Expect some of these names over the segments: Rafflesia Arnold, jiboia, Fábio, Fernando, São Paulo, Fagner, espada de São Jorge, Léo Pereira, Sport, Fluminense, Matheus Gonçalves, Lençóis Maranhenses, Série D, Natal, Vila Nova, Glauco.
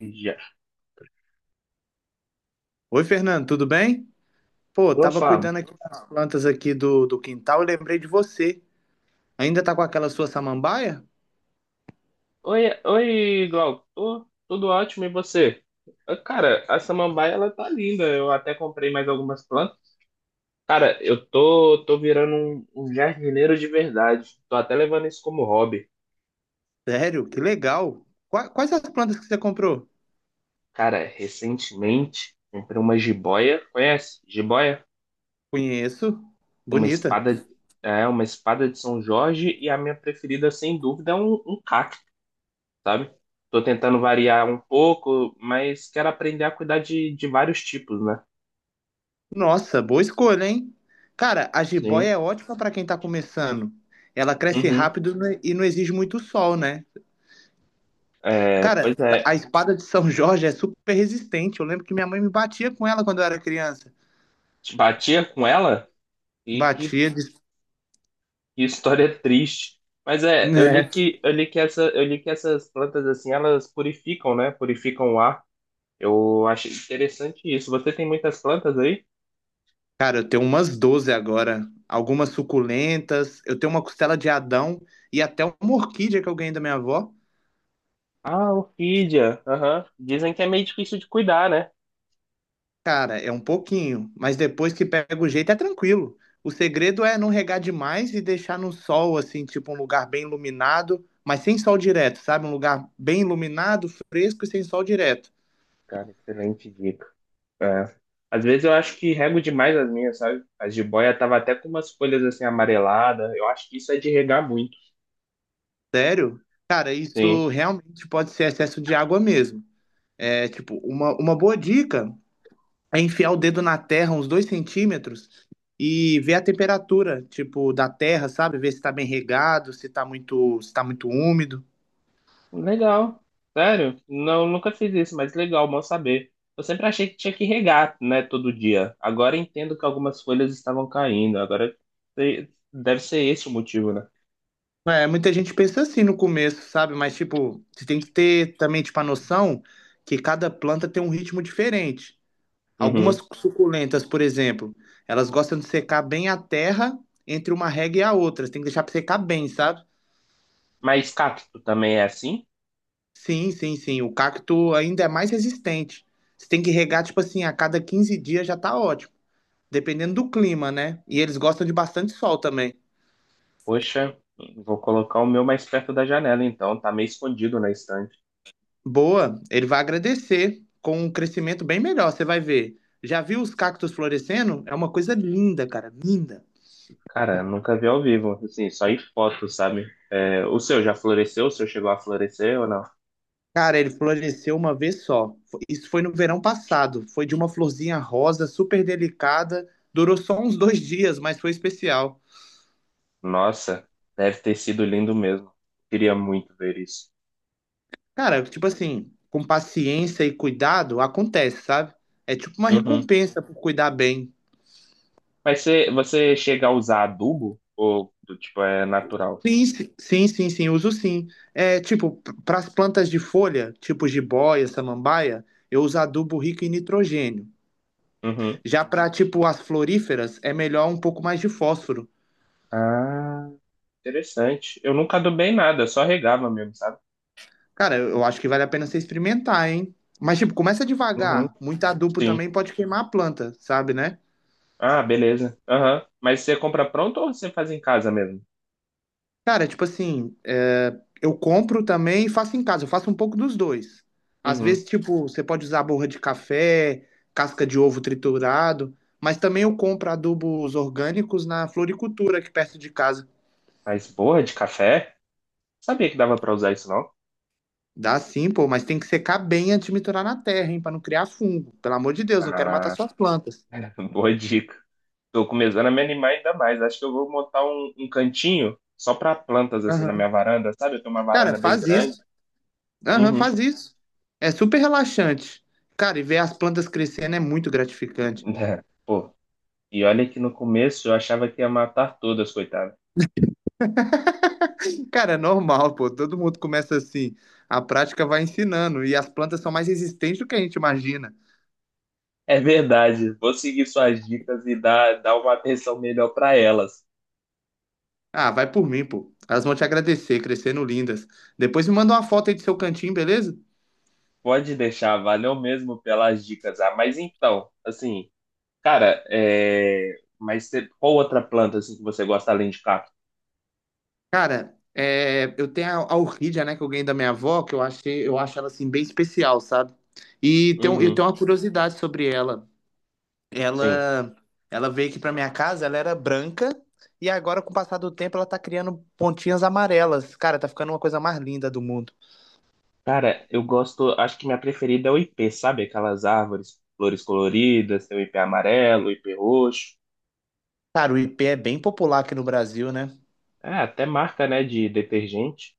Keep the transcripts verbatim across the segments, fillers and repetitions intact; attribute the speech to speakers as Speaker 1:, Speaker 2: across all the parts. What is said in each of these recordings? Speaker 1: Já.
Speaker 2: Oi, Fernando, tudo bem? Pô,
Speaker 1: Ô,
Speaker 2: tava
Speaker 1: Fábio.
Speaker 2: cuidando aqui das plantas aqui do, do quintal e lembrei de você. Ainda tá com aquela sua samambaia?
Speaker 1: Oi, oi, Glauco. Tô- tudo ótimo, e você? Ah, cara, a samambaia, ela tá linda. Eu até comprei mais algumas plantas. Cara, eu tô, tô virando um, um jardineiro de verdade. Tô até levando isso como hobby.
Speaker 2: Sério, que legal. Qua- Quais as plantas que você comprou?
Speaker 1: Cara, recentemente, comprei uma jiboia. Conhece? Jiboia?
Speaker 2: Conheço.
Speaker 1: Uma
Speaker 2: Bonita.
Speaker 1: espada, é, uma espada de São Jorge e a minha preferida, sem dúvida, é um, um cacto, sabe? Tô tentando variar um pouco, mas quero aprender a cuidar de, de vários tipos, né?
Speaker 2: Nossa, boa escolha, hein? Cara, a jiboia
Speaker 1: Sim.
Speaker 2: é ótima pra quem tá começando. Ela cresce
Speaker 1: Uhum.
Speaker 2: rápido né, e não exige muito sol, né?
Speaker 1: É,
Speaker 2: Cara,
Speaker 1: pois é,
Speaker 2: a espada de São Jorge é super resistente. Eu lembro que minha mãe me batia com ela quando eu era criança.
Speaker 1: te batia com ela e que,
Speaker 2: Batia de...
Speaker 1: que história triste. Mas é, eu li que eu li que essa, eu li que essas plantas assim, elas purificam, né? Purificam o ar. Eu achei interessante isso. Você tem muitas plantas aí?
Speaker 2: Cara, eu tenho umas doze agora, algumas suculentas, eu tenho uma costela de Adão e até uma orquídea que eu ganhei da minha avó.
Speaker 1: Ah, orquídea. Aham. Dizem que é meio difícil de cuidar, né?
Speaker 2: Cara, é um pouquinho, mas depois que pega o jeito é tranquilo. O segredo é não regar demais e deixar no sol, assim, tipo um lugar bem iluminado, mas sem sol direto, sabe? Um lugar bem iluminado, fresco e sem sol direto.
Speaker 1: Cara, excelente dica. É. Às vezes eu acho que rego demais as minhas, sabe? A jiboia tava até com umas folhas assim amareladas. Eu acho que isso é de regar muito.
Speaker 2: Sério? Cara, isso
Speaker 1: Sim.
Speaker 2: realmente pode ser excesso de água mesmo. É, tipo, uma, uma boa dica é enfiar o dedo na terra uns dois centímetros e ver a temperatura, tipo, da terra, sabe? Ver se tá bem regado, se tá muito, se tá muito úmido.
Speaker 1: Legal. Sério? Não, nunca fiz isso, mas legal, bom saber. Eu sempre achei que tinha que regar, né, todo dia. Agora entendo que algumas folhas estavam caindo. Agora se- deve ser esse o motivo, né?
Speaker 2: É, muita gente pensa assim no começo, sabe? Mas, tipo, você tem que ter também, tipo, a noção que cada planta tem um ritmo diferente. Algumas
Speaker 1: Uhum.
Speaker 2: suculentas, por exemplo, elas gostam de secar bem a terra entre uma rega e a outra. Você tem que deixar pra secar bem, sabe?
Speaker 1: Mas cacto também é assim?
Speaker 2: Sim, sim, sim. O cacto ainda é mais resistente. Você tem que regar, tipo assim, a cada quinze dias já tá ótimo. Dependendo do clima, né? E eles gostam de bastante sol também.
Speaker 1: Poxa, vou colocar o meu mais perto da janela, então. Tá meio escondido na estante.
Speaker 2: Boa, ele vai agradecer com um crescimento bem melhor, você vai ver. Já viu os cactos florescendo? É uma coisa linda, cara, linda.
Speaker 1: Cara, nunca vi ao vivo. Assim, só em foto, sabe? É, o seu já floresceu? O seu chegou a florescer ou não?
Speaker 2: Cara, ele floresceu uma vez só. Fo- Isso foi no verão passado. Foi de uma florzinha rosa, super delicada. Durou só uns dois dias, mas foi especial.
Speaker 1: Nossa, deve ter sido lindo mesmo. Queria muito ver isso.
Speaker 2: Cara, tipo assim, com paciência e cuidado, acontece, sabe? É tipo uma
Speaker 1: Uhum.
Speaker 2: recompensa por cuidar bem.
Speaker 1: Mas você, você chega a usar adubo? Ou, tipo, é natural?
Speaker 2: Sim, si- sim, sim, sim, uso sim. É, tipo, para as plantas de folha, tipo jiboia, samambaia, eu uso adubo rico em nitrogênio.
Speaker 1: Uhum.
Speaker 2: Já para, tipo, as floríferas, é melhor um pouco mais de fósforo.
Speaker 1: Ah, interessante. Eu nunca adubei nada, só regava mesmo, sabe?
Speaker 2: Cara, eu eu acho que vale a pena você experimentar, hein? Mas, tipo, começa
Speaker 1: Uhum.
Speaker 2: devagar. Muito adubo
Speaker 1: Sim.
Speaker 2: também pode queimar a planta, sabe, né?
Speaker 1: Ah, beleza. Aham. Mas você compra pronto ou você faz em casa mesmo?
Speaker 2: Cara, tipo assim, é, eu compro também e faço em casa. Eu faço um pouco dos dois. Às vezes,
Speaker 1: Uhum.
Speaker 2: tipo, você pode usar borra de café, casca de ovo triturado, mas também eu compro adubos orgânicos na floricultura aqui perto de casa.
Speaker 1: Mas borra de café? Sabia que dava pra usar isso, não?
Speaker 2: Dá sim, pô, mas tem que secar bem antes de misturar na terra, hein, pra não criar fungo. Pelo amor de Deus, não quero matar
Speaker 1: Ah,
Speaker 2: suas plantas.
Speaker 1: boa dica. Tô começando a me animar ainda mais. Acho que eu vou montar um, um cantinho só pra plantas, assim, na
Speaker 2: Aham.
Speaker 1: minha varanda, sabe? Eu tenho uma
Speaker 2: Cara,
Speaker 1: varanda bem
Speaker 2: faz
Speaker 1: grande.
Speaker 2: isso. Aham,
Speaker 1: Uhum.
Speaker 2: faz isso. É super relaxante. Cara, e ver as plantas crescendo é muito gratificante.
Speaker 1: É. Pô, e olha que no começo eu achava que ia matar todas, coitada.
Speaker 2: Cara, é normal, pô. Todo mundo começa assim. A prática vai ensinando. E as plantas são mais resistentes do que a gente imagina.
Speaker 1: É verdade, vou seguir suas dicas e dar, dar uma atenção melhor para elas.
Speaker 2: Ah, vai por mim, pô. Elas vão te agradecer, crescendo lindas. Depois me manda uma foto aí do seu cantinho, beleza?
Speaker 1: Pode deixar, valeu mesmo pelas dicas. Ah, mas então, assim, cara, é... mas cê- qual outra planta assim que você gosta além de cacto?
Speaker 2: Cara, é, eu tenho a, a orquídea, né, que eu ganhei da minha avó, que eu achei, eu acho ela assim bem especial, sabe? E tem, um- eu
Speaker 1: Uhum,
Speaker 2: tenho uma curiosidade sobre ela.
Speaker 1: sim.
Speaker 2: Ela, ela veio aqui pra minha casa, ela era branca, e agora, com o passar do tempo, ela tá criando pontinhas amarelas. Cara, tá ficando uma coisa mais linda do mundo.
Speaker 1: Cara, eu gosto, acho que minha preferida é o ipê, sabe? Aquelas árvores, flores coloridas, tem o ipê amarelo, o ipê roxo.
Speaker 2: Cara, o ipê é bem popular aqui no Brasil, né?
Speaker 1: É, até marca, né, de detergente.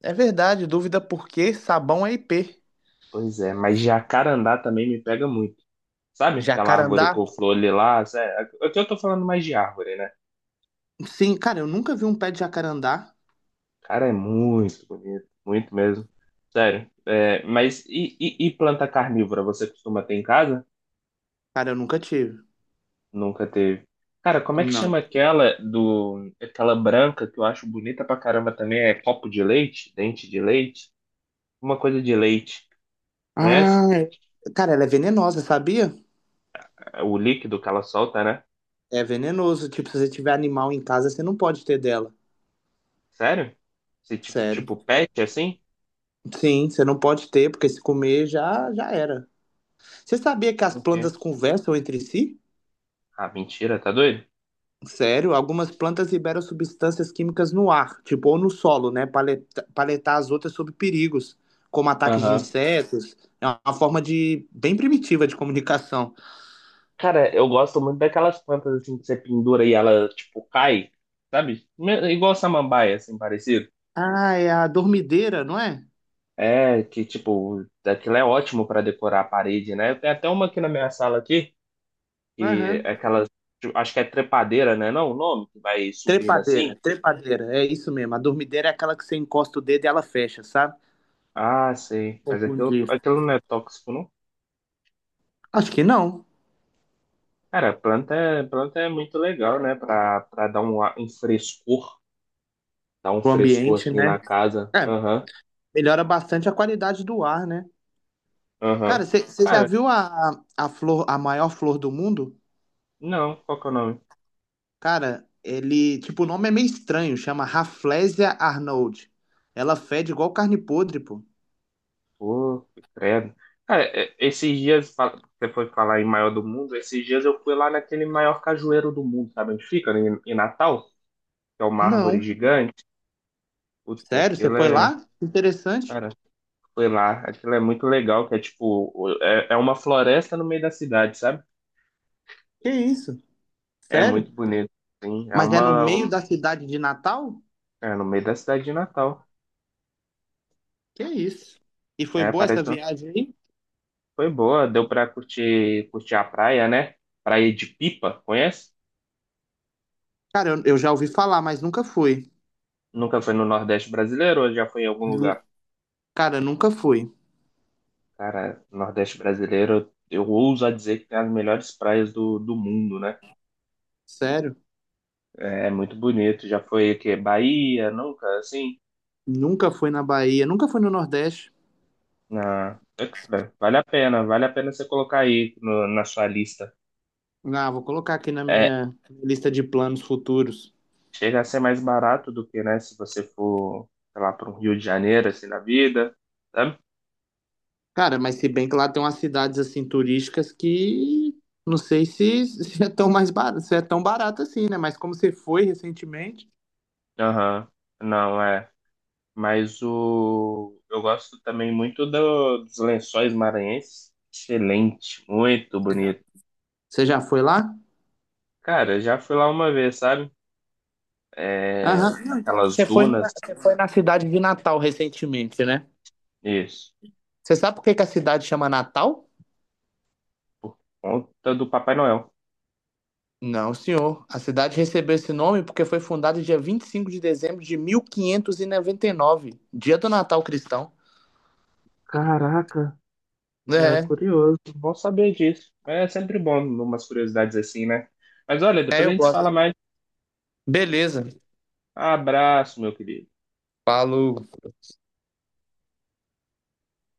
Speaker 2: É verdade, dúvida por que sabão é ipê.
Speaker 1: Pois é, mas jacarandá também me pega muito. Sabe aquela árvore
Speaker 2: Jacarandá?
Speaker 1: com flor ali lá? Sério, aqui eu tô falando mais de árvore, né?
Speaker 2: Sim, cara, eu nunca vi um pé de jacarandá.
Speaker 1: Cara, é muito bonito, muito mesmo. Sério. É, mas e, e- e planta carnívora? Você costuma ter em casa?
Speaker 2: Cara, eu nunca tive.
Speaker 1: Nunca teve. Cara, como é que
Speaker 2: Não.
Speaker 1: chama aquela do, aquela branca que eu acho bonita pra caramba também? É copo de leite? Dente de leite? Uma coisa de leite. Conhece?
Speaker 2: Ah, é- cara, ela é venenosa, sabia?
Speaker 1: O líquido que ela solta, né?
Speaker 2: É venenoso. Tipo, se você tiver animal em casa, você não pode ter dela.
Speaker 1: Sério? Esse tipo,
Speaker 2: Sério.
Speaker 1: tipo pet assim?
Speaker 2: Sim, você não pode ter, porque se comer já, já era. Você sabia que as
Speaker 1: Ok.
Speaker 2: plantas conversam entre si?
Speaker 1: Ah, mentira, tá doido?
Speaker 2: Sério, algumas plantas liberam substâncias químicas no ar, tipo, ou no solo, né? Para alertar as outras sobre perigos, como ataques de
Speaker 1: Aham.
Speaker 2: insetos. É uma forma de bem primitiva de comunicação.
Speaker 1: Cara, eu gosto muito daquelas plantas assim que você pendura e ela, tipo, cai, sabe? Me- Igual samambaia, assim, parecido.
Speaker 2: Ah, é a dormideira, não é?
Speaker 1: É, que, tipo, aquilo é ótimo pra decorar a parede, né? Tem até uma aqui na minha sala aqui, que é
Speaker 2: Aham.
Speaker 1: aquela, tipo, acho que é trepadeira, né? Não, é o nome, que vai subindo
Speaker 2: Trepadeira,
Speaker 1: assim.
Speaker 2: trepadeira, é isso mesmo. A dormideira é aquela que você encosta o dedo e ela fecha, sabe?
Speaker 1: Ah, sei. Mas aquilo,
Speaker 2: Confundir.
Speaker 1: aquilo não é tóxico, não?
Speaker 2: Acho que não.
Speaker 1: Cara, planta, é- planta é muito legal, né? Pra, pra dar um, ar- um frescor, dar um
Speaker 2: O
Speaker 1: frescor
Speaker 2: ambiente,
Speaker 1: assim na
Speaker 2: né?
Speaker 1: casa.
Speaker 2: É,
Speaker 1: Aham.
Speaker 2: melhora bastante a qualidade do ar, né? Cara,
Speaker 1: Aham.
Speaker 2: você já
Speaker 1: Cara,
Speaker 2: viu a, a flor, a maior flor do mundo?
Speaker 1: não, qual que é o nome?
Speaker 2: Cara, ele. Tipo, o nome é meio estranho, chama Rafflesia Arnold. Ela fede igual carne podre, pô.
Speaker 1: Pô, credo. Cara, é- esses dias, fa- você foi falar em maior do mundo, esses dias eu fui lá naquele maior cajueiro do mundo, sabe onde fica? Em, em Natal, que é uma árvore
Speaker 2: Não.
Speaker 1: gigante. Puta,
Speaker 2: Sério? Você
Speaker 1: aquilo
Speaker 2: foi
Speaker 1: é.
Speaker 2: lá? Interessante.
Speaker 1: Cara, foi lá, aquilo é muito legal, que é tipo, o- é, é uma floresta no meio da cidade, sabe?
Speaker 2: Que isso?
Speaker 1: É muito
Speaker 2: Sério?
Speaker 1: bonito, sim. É
Speaker 2: Mas é no
Speaker 1: uma.
Speaker 2: meio
Speaker 1: um-
Speaker 2: da cidade de Natal?
Speaker 1: É no meio da cidade de Natal.
Speaker 2: Que isso? E foi
Speaker 1: É,
Speaker 2: boa essa
Speaker 1: parece que
Speaker 2: viagem aí?
Speaker 1: foi boa, deu pra curtir, curtir a praia, né? Praia de Pipa, conhece?
Speaker 2: Cara, eu, eu já ouvi falar, mas nunca fui.
Speaker 1: Nunca foi no Nordeste brasileiro ou já foi em algum lugar?
Speaker 2: Nu- Cara, nunca fui.
Speaker 1: Cara, Nordeste brasileiro, eu ouso a dizer que tem as melhores praias do, do mundo, né?
Speaker 2: Sério?
Speaker 1: É muito bonito. Já foi aqui, Bahia, nunca, assim?
Speaker 2: Nunca fui na Bahia, nunca fui no Nordeste.
Speaker 1: Na, vale a pena, vale a pena você colocar aí no- na sua lista.
Speaker 2: Ah, vou colocar aqui na
Speaker 1: É,
Speaker 2: minha lista de planos futuros.
Speaker 1: chega a ser mais barato do que, né, se você for, sei lá, para o Rio de Janeiro, assim, na vida, sabe?
Speaker 2: Cara, mas se bem que lá tem umas cidades assim turísticas que não sei se, se é tão mais barato, se é tão barato assim, né? Mas como você foi recentemente,
Speaker 1: Aham. Não, é, mas o eu gosto também muito do- dos Lençóis Maranhenses. Excelente, muito
Speaker 2: você já,
Speaker 1: bonito.
Speaker 2: você já foi lá?
Speaker 1: Cara, já fui lá uma vez, sabe? É,
Speaker 2: Aham. Não, então, você
Speaker 1: naquelas
Speaker 2: foi na,
Speaker 1: dunas.
Speaker 2: você foi na cidade de Natal recentemente, né?
Speaker 1: Isso.
Speaker 2: Você sabe por que que a cidade chama Natal?
Speaker 1: Conta do Papai Noel.
Speaker 2: Não, senhor. A cidade recebeu esse nome porque foi fundada dia vinte e cinco de dezembro de mil quinhentos e e noventa e nove, dia do Natal cristão.
Speaker 1: Caraca, é
Speaker 2: É,
Speaker 1: curioso. Bom saber disso. É sempre bom umas curiosidades assim, né? Mas olha,
Speaker 2: é,
Speaker 1: depois a
Speaker 2: eu
Speaker 1: gente
Speaker 2: gosto.
Speaker 1: fala mais.
Speaker 2: Beleza.
Speaker 1: Abraço, meu querido.
Speaker 2: Falou.